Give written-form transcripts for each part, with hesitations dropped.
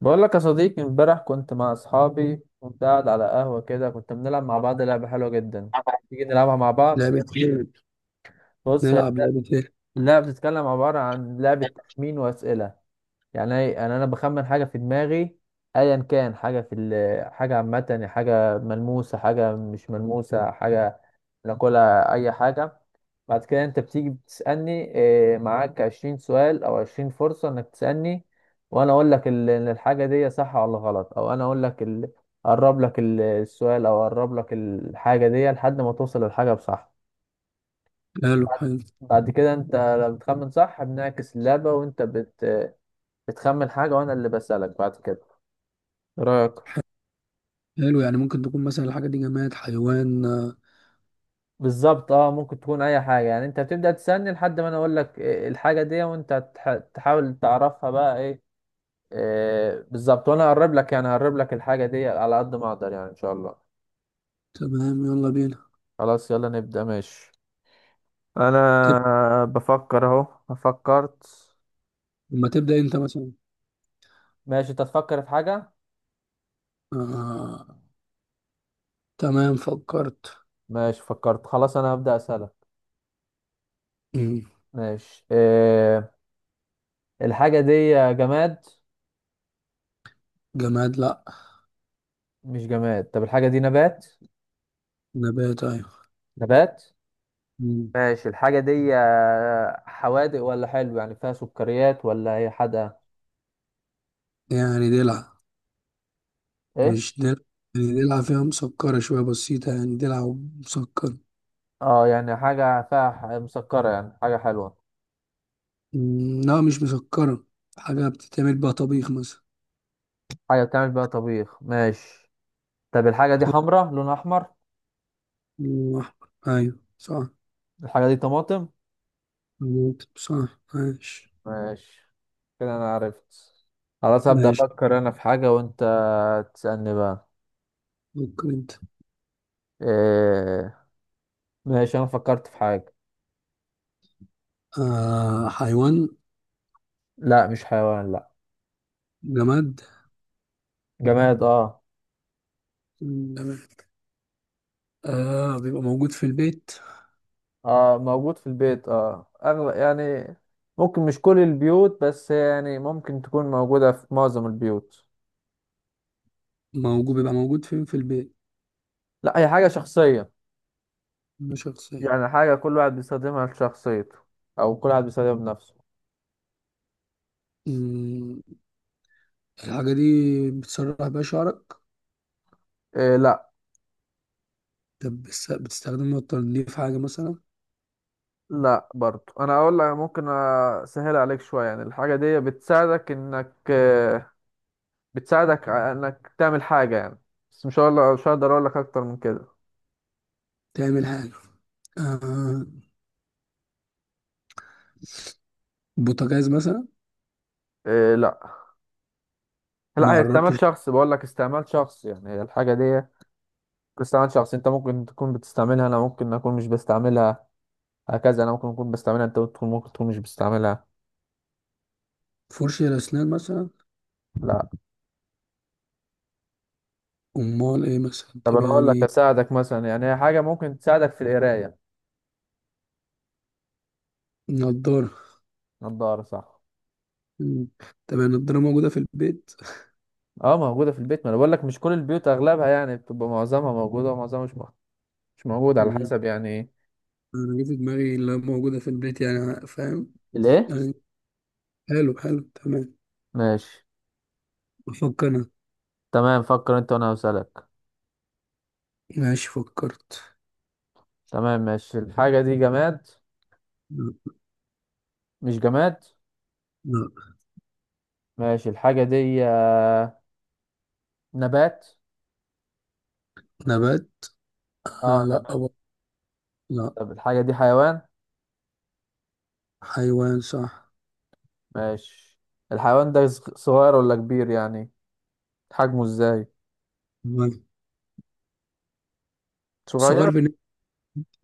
بقول لك يا صديقي امبارح كنت مع اصحابي، كنت قاعد على قهوة كده، كنت بنلعب مع بعض لعبة حلوة جدا. تيجي نلعبها مع بعض. لعبة ايه؟ بص، هي نلعب لعبة ايه؟ اللعبة بتتكلم عبارة عن لعبة تخمين وأسئلة. يعني انا بخمن حاجه في دماغي، ايا كان حاجه حاجه عامه، يعني حاجه ملموسه، حاجه مش ملموسه، حاجه ناكلها، اي حاجه. بعد كده انت بتيجي بتسالني. معاك 20 سؤال او 20 فرصه انك تسالني، وانا اقول لك ان الحاجه دي صح ولا غلط، او انا اقرب السؤال، او اقرب لك الحاجه دي لحد ما توصل للحاجه بصح. حلو بعد حلو بعد كده، انت لما بتخمن صح بنعكس اللعبه، وانت بتخمن حاجة وأنا اللي بسألك بعد كده. إيه رأيك؟ حلو. يعني ممكن تكون مثلا الحاجة دي جماد، حيوان. بالظبط، اه، ممكن تكون أي حاجة. يعني أنت بتبدأ تسألني لحد ما أنا أقول لك إيه، إيه الحاجة دي، وأنت تحاول تعرفها بقى إيه, إيه بالظبط، وأنا هقرب لك، يعني هقرب لك الحاجة دي على قد ما أقدر، يعني إن شاء الله. تمام يلا بينا. خلاص، يلا نبدأ. ماشي، انا تب... بفكر اهو. فكرت. لما تبدأ انت مثلا. ماشي، أنت تفكر في حاجة. آه... تمام فكرت. ماشي، فكرت، خلاص أنا هبدأ أسألك. مم. ماشي. إيه الحاجة دي، جماد؟ جماد لا. مش جماد. طب الحاجة دي نبات؟ نبات ايوه. نبات. مم. ماشي الحاجة دي حوادق ولا حلو، يعني فيها سكريات ولا هي حادقة؟ يعني دلع؟ ايه. مش دلع. يعني دلع، فيها مسكرة شوية بسيطة، يعني دلع. مسكرة. اه يعني حاجة فيها مسكرة، يعني حاجة حلوة. لا مش مسكرة. حاجة بتتعمل بقى طبيخ مثلا. حاجة بتعمل بيها طبيخ، ماشي. طب الحاجة دي خضار حمرا، لونها أحمر؟ وأحمر. ايوه صح. الحاجة دي طماطم. صح ماشي. ماشي، كده أنا عرفت. خلاص، هبدأ ماشي أفكر أنا في حاجة وأنت تسألني بقى. ممكن انت. إيه. ماشي، أنا فكرت في حاجة. آه حيوان. لا مش حيوان، لا. جماد. جماد، اه. جماد آه، بيبقى موجود في البيت. اه موجود في البيت، اه، اغلب يعني. ممكن مش كل البيوت، بس يعني ممكن تكون موجودة في معظم البيوت. موجود. بيبقى موجود فين في البيت؟ لا، هي حاجة شخصية. مش شخصية. يعني حاجة كل واحد بيستخدمها لشخصيته، او كل واحد بيستخدمها بنفسه. مم. الحاجة دي بتسرح بيها شعرك؟ إيه، لا. طب بتستخدمها لتنظيف حاجة مثلا. لا برضو، انا اقول لك ممكن اسهل عليك شوية. يعني الحاجة دي بتساعدك انك بتساعدك انك تعمل حاجة يعني. بس مش هقول لك، مش هقدر اقول لك اكتر من كده. تعمل حاجة. آه، بوتاجاز مثلا. إيه، لا. لا، ما هي استعمال قربتش. شخص، بقول لك استعمال شخص، يعني هي الحاجة دي استعمال شخصي. انت ممكن تكون بتستعملها، انا ممكن اكون مش بستعملها. هكذا، انا ممكن اكون بستعملها، انت ممكن تكون مش بستعملها. فرشة الأسنان مثلا. لا. أمال إيه مثلا؟ طب طب انا اقول لك يعني اساعدك مثلا، يعني هي حاجه ممكن تساعدك في القرايه. نضارة. نضاره، صح. مم. طب يعني النضارة موجودة في البيت. اه موجوده في البيت، ما انا بقول لك مش كل البيوت، اغلبها يعني بتبقى، معظمها موجوده ومعظمها مش موجوده، على حسب، يعني ايه. انا جه في دماغي اللي موجوده في البيت، يعني فاهم الايه؟ يعني. حلو حلو تمام. ماشي. افكر انا. تمام، فكر انت وانا هسألك. ماشي فكرت. تمام. ماشي الحاجه دي جماد؟ لا. مش جماد. لا. ماشي الحاجه دي نبات؟ نبات. آه اه لا نبات. لا. طب الحاجه دي حيوان؟ حيوان صح. ماشي. الحيوان ده صغير ولا كبير، يعني حجمه ازاي؟ تمام. صغير صغير. بالنسبه.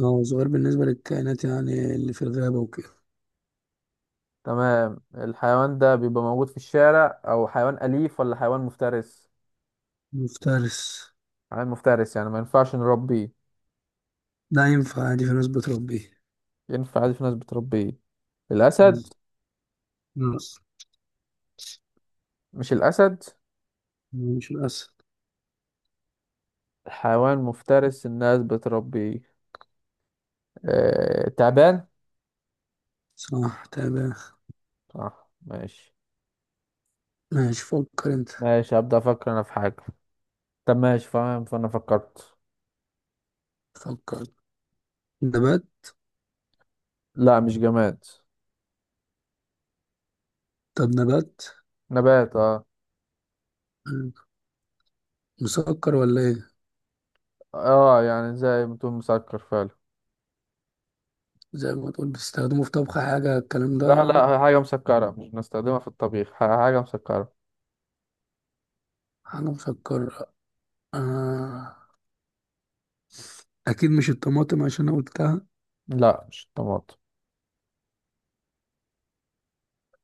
اه صغير بالنسبه للكائنات يعني اللي في الغابه وكده. تمام. الحيوان ده بيبقى موجود في الشارع، او حيوان اليف ولا حيوان مفترس؟ مفترس. حيوان مفترس، يعني ما ينفعش نربيه؟ ده ينفع عادي، في ناس بتربيه. ينفع عادي، في ناس بتربيه. الاسد؟ لا مش الاسد. مش الاسد. حيوان مفترس الناس بتربيه. تعبان. صح تمام صح، ماشي. ماشي. فكر انت. ماشي، هبدأ افكر انا في حاجة. طب ماشي، فاهم، فانا فكرت. فكر. نبات. لا مش جماد. طب نبات. نبات، اه. مسكر ولا ايه؟ اه يعني زي ما تقول مسكر فعلا. زي ما تقول بتستخدمه في طبخ حاجة الكلام ده. لا لا، حاجة مسكرة مش بنستخدمها في الطبيخ، حاجة مسكرة. أنا مفكر. آه. أكيد مش الطماطم عشان أنا قلتها. لا مش الطماطم.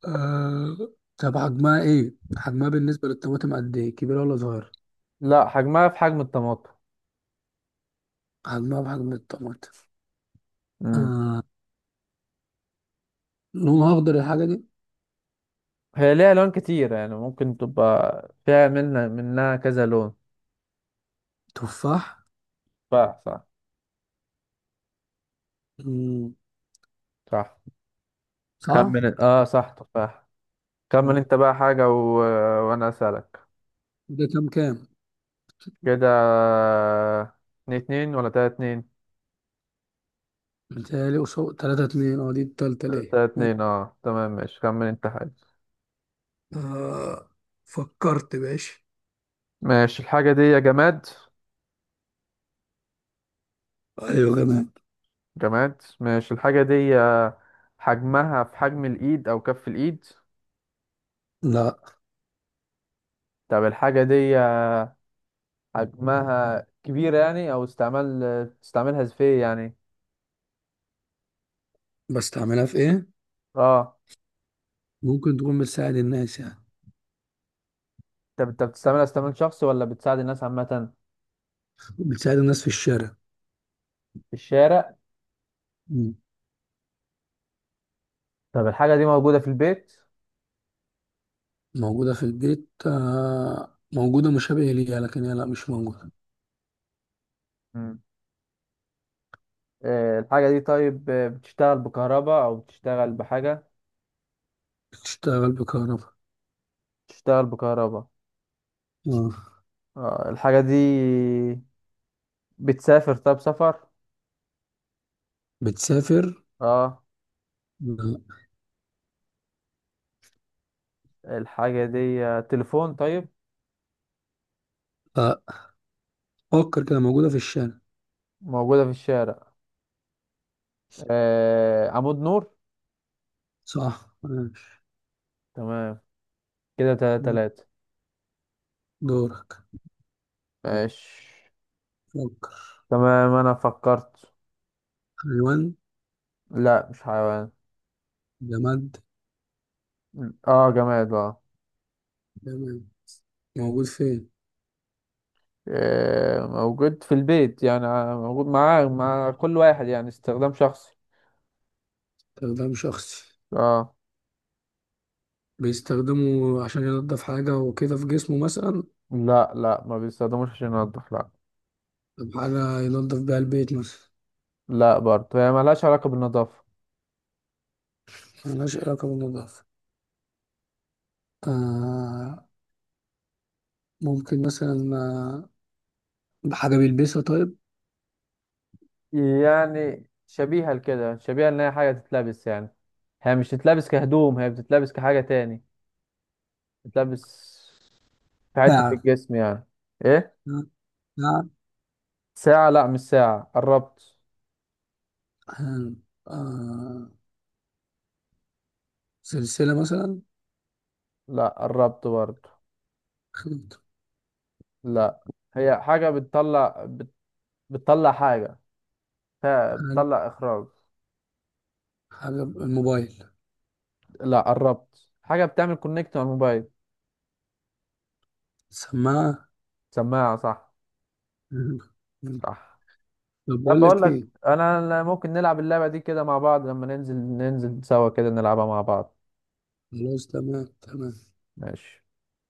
آه. طب حجمها إيه؟ حجمها بالنسبة للطماطم قد إيه؟ كبيرة ولا صغيرة؟ لا، حجمها في حجم الطماطم. حجمها بحجم الطماطم. مم. آه. لونها أخضر الحاجة دي؟ هي ليها لون كتير، يعني ممكن تبقى فيها منها كذا لون. تفاح. تفاح، صح. مم. صح. صح؟ خمن اه صح تفاح. خمن مم. انت بقى حاجة و... وانا اسألك. ده كام كام؟ كده. اتنين اتنين ولا تلاتة اتنين؟ متهيألي قصاد تلاتة اتنين، أه دي التالتة ليه؟ تلاتة اتنين، اه، تمام. ماشي، خمن انت حاجة. آه فكرت باش. ماشي الحاجة دي يا جماد. أيوة كمان. جماد، ماشي. الحاجة دي حجمها في حجم الإيد أو كف الإيد؟ لا. طب الحاجة دي حجمها كبيرة يعني، أو استعمال، بتستعملها في إيه يعني؟ بستعملها في إيه؟ اه. ممكن تكون بتساعد الناس يعني. طب انت بتستعملها استعمال شخصي ولا بتساعد الناس عامة؟ بتساعد الناس في الشارع. في الشارع. مم. طب الحاجة دي موجودة في البيت؟ موجودة في البيت. موجودة مشابهة ليها، لكن هي لا مش موجودة. مم. آه، الحاجة دي طيب، بتشتغل بكهرباء أو بتشتغل بحاجة؟ بتشتغل بكهرباء. بتشتغل بكهرباء. آه. اه الحاجة دي بتسافر، طب سفر؟ بتسافر؟ اه. لا. الحاجة دي تليفون؟ طيب، آه، فكر كده. موجودة في الشارع. موجودة في الشارع. آه، عمود نور؟ صح ماشي. تمام. كده تلاتة تلاتة. دورك. ماشي. فكر. تمام، انا فكرت. حيوان. لا مش حيوان. جماد. اه جماد، اه. جماد موجود فين؟ آه، موجود في البيت، يعني آه، موجود مع كل واحد، يعني استخدام شخصي. استخدام شخصي. اه. بيستخدمه عشان ينضف حاجة وكده في جسمه مثلا؟ لا لا، ما بيستخدموش عشان ينضف، لا. طب حاجة ينضف بيها البيت مثلا. لا برضه، هي ملهاش علاقة بالنظافة. ملهاش علاقة بالنظافة. آه. ممكن مثلا، بحاجة بيلبسها طيب. يعني شبيهة لكده، شبيهة ان هي حاجة تتلبس يعني. هي مش تتلبس كهدوم، هي بتتلبس كحاجة تاني. تتلبس في حتة في ساعة. الجسم يعني. ايه؟ ساعة. ساعة؟ لا مش ساعة، قربت. آه. آه، سلسلة مثلا. لا، قربت برضه. خد- لا، هي حاجة بتطلع حاجة، ف- حاجة بتطلع إخراج. حاجة الموبايل. لا، قربت، حاجة بتعمل كونكت على الموبايل. سماعة. سماعة، صح. صح. طب طب بقول بقول لك لك، ايه؟ أنا ممكن نلعب اللعبة دي كده مع بعض لما ننزل سوا كده نلعبها مع بعض. خلاص تمام تمام. ماشي.